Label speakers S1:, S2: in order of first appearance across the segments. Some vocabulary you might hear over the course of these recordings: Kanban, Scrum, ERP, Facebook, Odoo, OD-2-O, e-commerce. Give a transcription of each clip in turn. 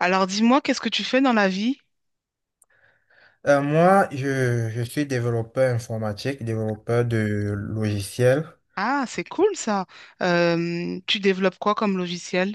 S1: Alors dis-moi, qu'est-ce que tu fais dans la vie?
S2: Moi, je suis développeur informatique, développeur de logiciels.
S1: Ah, c'est cool ça. Tu développes quoi comme logiciel?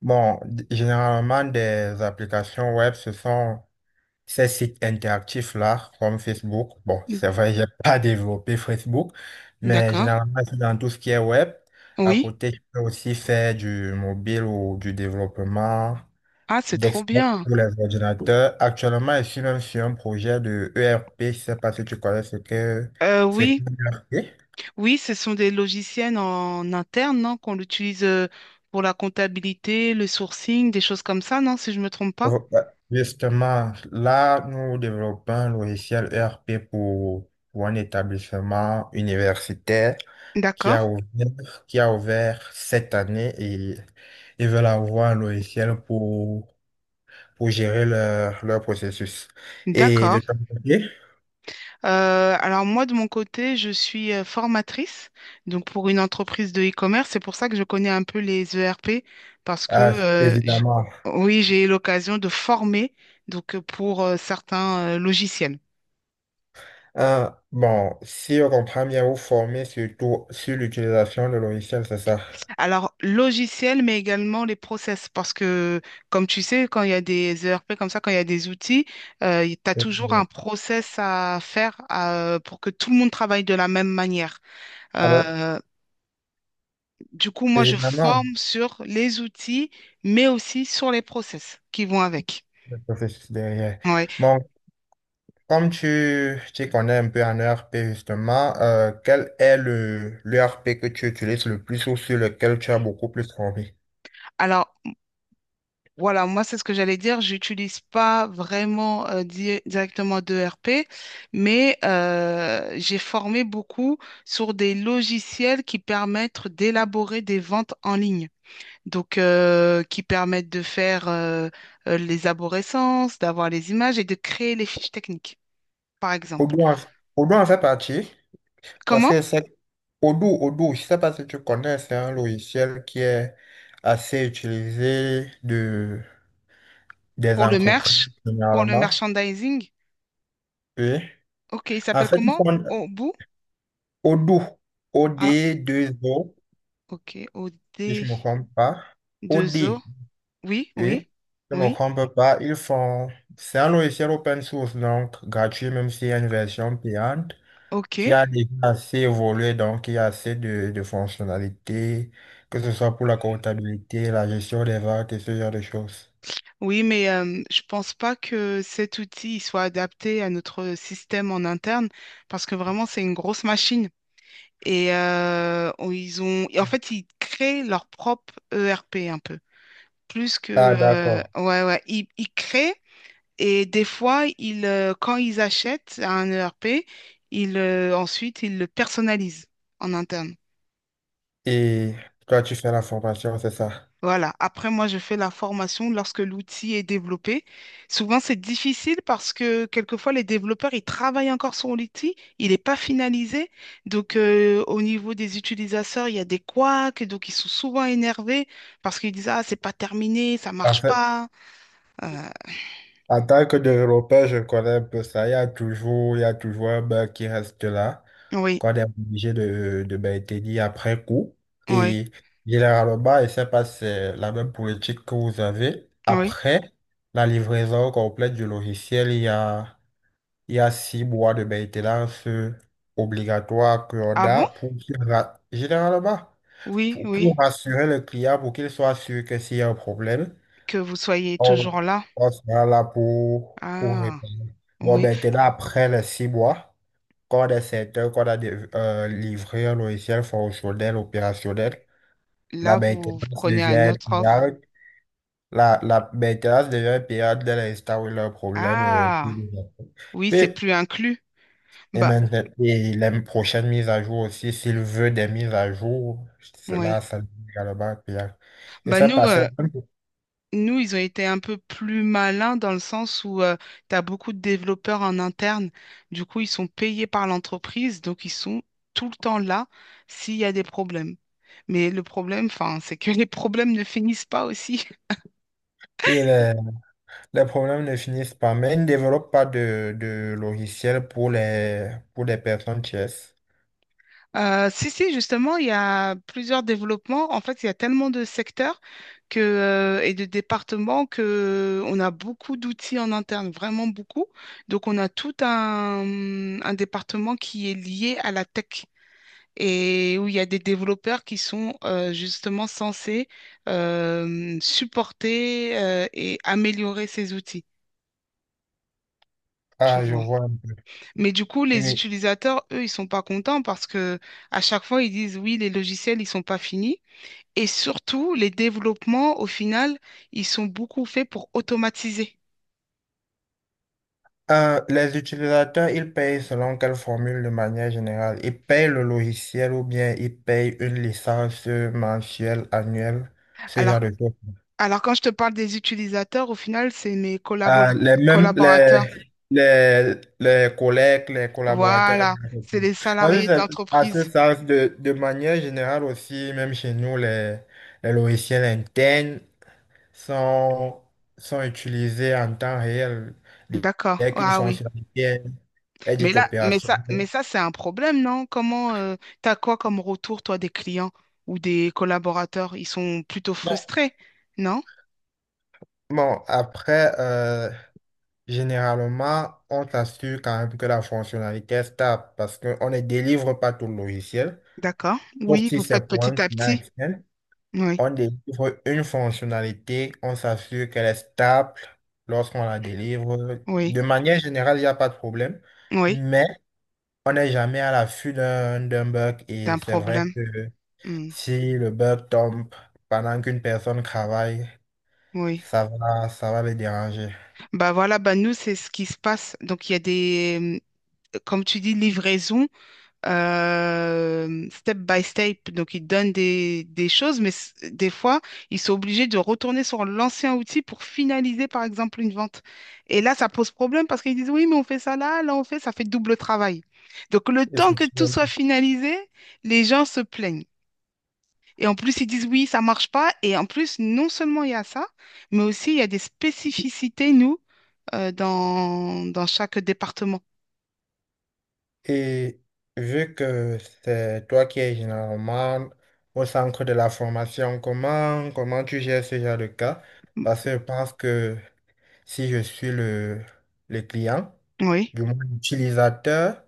S2: Bon, généralement, des applications web, ce sont ces sites interactifs-là, comme Facebook. Bon,
S1: N-
S2: c'est vrai, j'ai pas développé Facebook, mais
S1: D'accord.
S2: généralement, c'est dans tout ce qui est web. À
S1: Oui.
S2: côté, je peux aussi faire du mobile ou du développement
S1: Ah, c'est trop
S2: desktop
S1: bien.
S2: pour les ordinateurs. Actuellement, je suis même sur un projet de ERP. Je sais pas si tu connais ce que
S1: Euh,
S2: c'est. Que
S1: oui,
S2: l'E R P.
S1: oui, ce sont des logiciels en interne, non, qu'on utilise pour la comptabilité, le sourcing, des choses comme ça, non, si je me trompe pas.
S2: Oh, ouais. Justement, là, nous développons un logiciel ERP pour un établissement universitaire
S1: D'accord.
S2: qui a ouvert cette année et ils veulent avoir un logiciel pour gérer leur processus. Et de
S1: D'accord.
S2: ton côté,
S1: Alors moi, de mon côté, je suis formatrice, donc pour une entreprise de e-commerce. C'est pour ça que je connais un peu les ERP, parce que
S2: ah, évidemment,
S1: oui, j'ai eu l'occasion de former donc pour certains logiciels.
S2: hein, bon, si on comprend bien, vous formez surtout sur l'utilisation de logiciels, c'est ça?
S1: Alors logiciels, mais également les process, parce que comme tu sais, quand il y a des ERP comme ça, quand il y a des outils, tu as
S2: Oui,
S1: toujours
S2: oui.
S1: un process à faire pour que tout le monde travaille de la même manière.
S2: Alors,
S1: Euh, Du coup, moi, je
S2: évidemment,
S1: forme sur les outils, mais aussi sur les process qui vont avec.
S2: le processus derrière.
S1: Ouais.
S2: Bon, comme tu connais un peu en ERP justement, quel est le l'ERP que tu utilises le plus ou sur lequel tu as beaucoup plus envie?
S1: Alors, voilà, moi, c'est ce que j'allais dire. J'utilise pas vraiment directement d'ERP, mais j'ai formé beaucoup sur des logiciels qui permettent d'élaborer des ventes en ligne. Donc, qui permettent de faire les aborescences, d'avoir les images et de créer les fiches techniques, par exemple.
S2: Odoo en, Odoo en fait partie parce
S1: Comment?
S2: que c'est Odoo, je sais pas si tu connais, c'est un logiciel qui est assez utilisé des
S1: Pour le
S2: entreprises
S1: merch, pour le
S2: généralement.
S1: merchandising.
S2: Oui.
S1: Ok, il
S2: En
S1: s'appelle
S2: fait, ils font
S1: comment? Obu?
S2: Odoo, o d
S1: Ah,
S2: deux o
S1: ok.
S2: si je me
S1: O-Odoo.
S2: trompe pas. Audi,
S1: Oui, oui,
S2: oui. Je me
S1: oui.
S2: trompe pas. Ils font. C'est un logiciel open source, donc gratuit, même s'il y a une version payante,
S1: Ok.
S2: qui a déjà assez évolué, donc il y a assez de fonctionnalités, que ce soit pour la comptabilité, la gestion des ventes et ce genre de choses.
S1: Oui, mais je pense pas que cet outil il soit adapté à notre système en interne parce que vraiment, c'est une grosse machine. Et ils ont... Et en fait, ils créent leur propre ERP un peu. Plus que...
S2: Ah, d'accord.
S1: ouais. Ils créent et des fois, quand ils achètent un ERP, ensuite, ils le personnalisent en interne.
S2: Et toi, tu fais la formation, c'est ça?
S1: Voilà. Après, moi, je fais la formation lorsque l'outil est développé. Souvent, c'est difficile parce que quelquefois, les développeurs, ils travaillent encore sur l'outil, il n'est pas finalisé. Donc, au niveau des utilisateurs, il y a des couacs, donc ils sont souvent énervés parce qu'ils disent, ah, c'est pas terminé, ça
S2: En
S1: marche
S2: fait,
S1: pas. Euh,
S2: en tant que développeur, je connais un peu ça. Il y a toujours un bug qui reste là,
S1: oui,
S2: qu'on est obligé de maintenir après coup.
S1: oui,
S2: Et généralement, bah, je ne sais pas si c'est la même politique que vous avez.
S1: oui.
S2: Après la livraison complète du logiciel, il y a six mois de maintenance obligatoire qu'on
S1: Ah bon?
S2: a pour généralement
S1: Oui, oui.
S2: pour rassurer le client, pour qu'il soit sûr que s'il y a un problème,
S1: Que vous soyez
S2: on,
S1: toujours là.
S2: on sera là pour
S1: Ah,
S2: répondre. Bon,
S1: oui.
S2: maintenant, après les six mois, quand des secteurs, quand des livreurs, logiciels fonctionnels, opérationnels,
S1: Là,
S2: la
S1: vous
S2: maintenance
S1: prenez une
S2: devient
S1: autre offre.
S2: payante. La maintenance devient payante dès l'instant où il y a un problème.
S1: Ah, oui, c'est
S2: Est-
S1: plus inclus.
S2: et
S1: Bah.
S2: maintenant, et les prochaines mises à jour aussi, s'il veut des mises à jour, cela,
S1: Oui.
S2: ça devient également payant. Et
S1: Bah
S2: ça
S1: nous,
S2: passe.
S1: nous, ils ont été un peu plus malins dans le sens où tu as beaucoup de développeurs en interne. Du coup, ils sont payés par l'entreprise, donc ils sont tout le temps là s'il y a des problèmes. Mais le problème, enfin, c'est que les problèmes ne finissent pas aussi.
S2: les, les problèmes ne finissent pas, mais ils ne développent pas de logiciel pour les personnes tierces.
S1: Si, si, justement, il y a plusieurs développements. En fait, il y a tellement de secteurs que, et de départements que on a beaucoup d'outils en interne, vraiment beaucoup. Donc, on a tout un département qui est lié à la tech et où il y a des développeurs qui sont justement censés supporter et améliorer ces outils. Tu
S2: Ah, je
S1: vois.
S2: vois un
S1: Mais du coup, les
S2: peu.
S1: utilisateurs, eux, ils sont pas contents parce que à chaque fois, ils disent oui, les logiciels, ils sont pas finis. Et surtout, les développements, au final, ils sont beaucoup faits pour automatiser.
S2: Les utilisateurs, ils payent selon quelle formule de manière générale? Ils payent le logiciel ou bien ils payent une licence mensuelle, annuelle, ce genre
S1: Alors,
S2: de choses.
S1: alors, quand je te parle des utilisateurs, au final, c'est mes
S2: Euh,
S1: collabora-
S2: les mêmes,
S1: collaborateurs.
S2: les, les collègues, les collaborateurs.
S1: Voilà, c'est les salariés de
S2: À ce
S1: l'entreprise.
S2: sens, de manière générale aussi, même chez nous, les logiciels internes sont, sont utilisés en temps réel
S1: D'accord.
S2: dès qu'une
S1: Ah oui.
S2: fonctionnalité est
S1: Mais
S2: dite
S1: là, mais ça, mais
S2: opérationnelle.
S1: ça, c'est un problème, non? Comment, t'as quoi comme retour, toi, des clients ou des collaborateurs? Ils sont plutôt frustrés, non?
S2: Bon, après, généralement, on s'assure quand même que la fonctionnalité est stable parce qu'on ne délivre pas tout le logiciel.
S1: D'accord.
S2: Sauf
S1: Oui,
S2: si
S1: vous
S2: c'est
S1: faites
S2: pour un
S1: petit à
S2: client
S1: petit.
S2: externe,
S1: Oui,
S2: on délivre une fonctionnalité, on s'assure qu'elle est stable lorsqu'on la délivre.
S1: oui,
S2: De manière générale, il n'y a pas de problème,
S1: oui.
S2: mais on n'est jamais à l'affût d'un bug et
S1: D'un
S2: c'est vrai
S1: problème.
S2: que
S1: Hmm.
S2: si le bug tombe pendant qu'une personne travaille,
S1: Oui.
S2: ça va le déranger.
S1: Bah voilà, bah nous, c'est ce qui se passe. Donc, il y a des, comme tu dis, livraison step by step. Donc, ils donnent des choses, mais des fois, ils sont obligés de retourner sur l'ancien outil pour finaliser, par exemple, une vente. Et là, ça pose problème parce qu'ils disent, oui, mais on fait ça là, là, on fait, ça fait double travail. Donc, le temps que tout
S2: Effectivement.
S1: soit finalisé, les gens se plaignent. Et en plus, ils disent, oui, ça marche pas. Et en plus, non seulement il y a ça, mais aussi, il y a des spécificités, nous dans chaque département.
S2: Et vu que c'est toi qui es généralement au centre de la formation, comment tu gères ce genre de cas? Parce que je pense que si je suis le client,
S1: Oui,
S2: du moins l'utilisateur,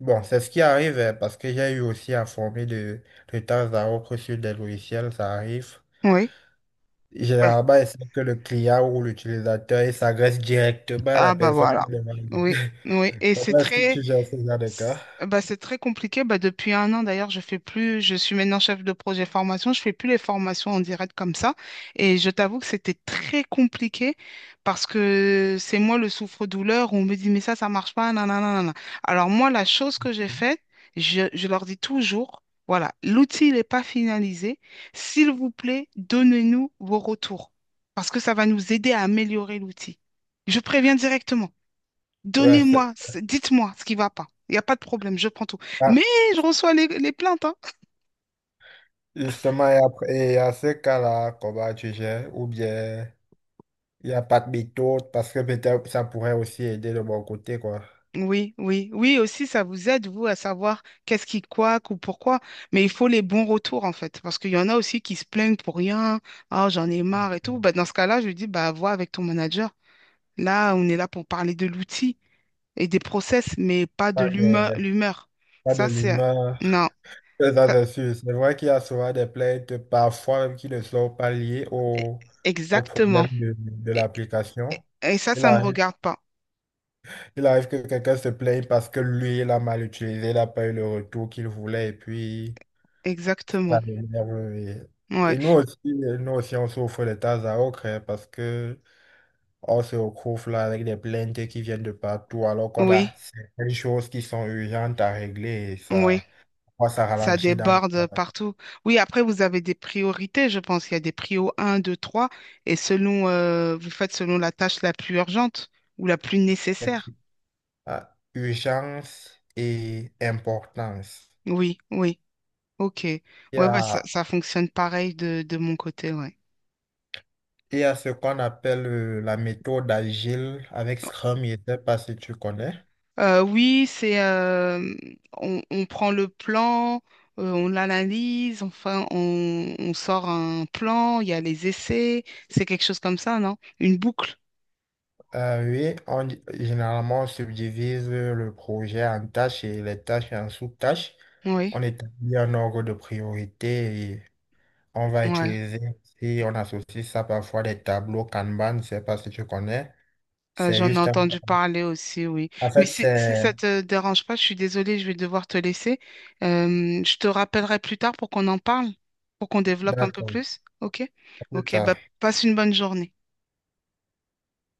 S2: bon, c'est ce qui arrive parce que j'ai eu aussi à former de temps à autre sur des logiciels, ça arrive.
S1: oui. Ben,
S2: Généralement, c'est que le client ou l'utilisateur, il s'adresse directement à la
S1: ah bah
S2: personne
S1: voilà.
S2: qui demande.
S1: Oui, oui. Et c'est
S2: Comment est-ce que
S1: très,
S2: tu gères ce genre de cas?
S1: Bah, c'est très compliqué. Bah, depuis un an, d'ailleurs, je suis maintenant chef de projet formation. Je fais plus les formations en direct comme ça. Et je t'avoue que c'était très compliqué parce que c'est moi le souffre-douleur. On me dit, mais ça marche pas. Nanana, nanana. Alors, moi, la chose que j'ai faite, je leur dis toujours, voilà, l'outil n'est pas finalisé. S'il vous plaît, donnez-nous vos retours parce que ça va nous aider à améliorer l'outil. Je préviens directement.
S2: Ouais, c'est-
S1: Dites-moi ce qui va pas. Il n'y a pas de problème, je prends tout.
S2: ah,
S1: Mais je reçois les plaintes, hein.
S2: Justement, et après, et à ce cas-là, comment tu gères? Ou bien, il n'y a pas de méthode parce que peut-être ça pourrait aussi aider de mon côté, quoi.
S1: Oui, oui, oui, aussi, ça vous aide, vous, à savoir qu'est-ce qui coaque ou pourquoi. Mais il faut les bons retours, en fait. Parce qu'il y en a aussi qui se plaignent pour rien. Ah, j'en ai marre et tout. Bah, dans ce cas-là, je lui dis, bah, vois avec ton manager. Là, on est là pour parler de l'outil et des process, mais pas de
S2: Pas de,
S1: l'humeur.
S2: Pas de
S1: Ça, c'est...
S2: l'humain.
S1: Non. Ça-
S2: C'est sûr. C'est vrai qu'il y a souvent des plaintes, parfois même qui ne sont pas liées
S1: e-
S2: au
S1: Exactement.
S2: problème de
S1: Et,
S2: l'application.
S1: et ça,
S2: Il
S1: ça me
S2: arrive,
S1: regarde pas.
S2: il arrive que quelqu'un se plaigne parce que lui, il a mal utilisé, il n'a pas eu le retour qu'il voulait, et puis ça
S1: Exactement.
S2: l'énerve.
S1: Ouais.
S2: Et nous aussi, on souffre de tas à autre, hein, parce que on se retrouve là avec des plaintes qui viennent de partout, alors qu'on
S1: Oui.
S2: a certaines choses qui sont urgentes à régler, et
S1: Oui,
S2: ça, moi, ça
S1: ça
S2: ralentit dans le
S1: déborde
S2: travail.
S1: partout. Oui, après, vous avez des priorités, je pense. Il y a des prios un, 2, 3, et selon, vous faites selon la tâche la plus urgente ou la plus nécessaire.
S2: À urgence et importance.
S1: Oui, oui, ok. Ouais,
S2: Il y
S1: bah, ça,
S2: a,
S1: ça fonctionne pareil de mon côté, ouais.
S2: il y a ce qu'on appelle la méthode agile avec Scrum, je ne sais pas si tu connais.
S1: Oui, on prend le plan, on l'analyse, enfin, on sort un plan, il y a les essais, c'est quelque chose comme ça, non? Une boucle,
S2: Oui, généralement, on subdivise le projet en tâches et les tâches en sous-tâches.
S1: oui.
S2: On établit un ordre de priorité et on va
S1: Ouais.
S2: utiliser, si on associe ça parfois, des tableaux Kanban, je ne sais pas si tu connais. C'est
S1: J'en ai
S2: juste un...
S1: entendu parler aussi, oui.
S2: En
S1: Mais
S2: fait,
S1: si, si
S2: c'est...
S1: ça te dérange pas, je suis désolée, je vais devoir te laisser. Je te rappellerai plus tard pour qu'on en parle, pour qu'on développe un peu
S2: D'accord,
S1: plus. OK?
S2: à plus
S1: OK, bah
S2: tard.
S1: passe une bonne journée.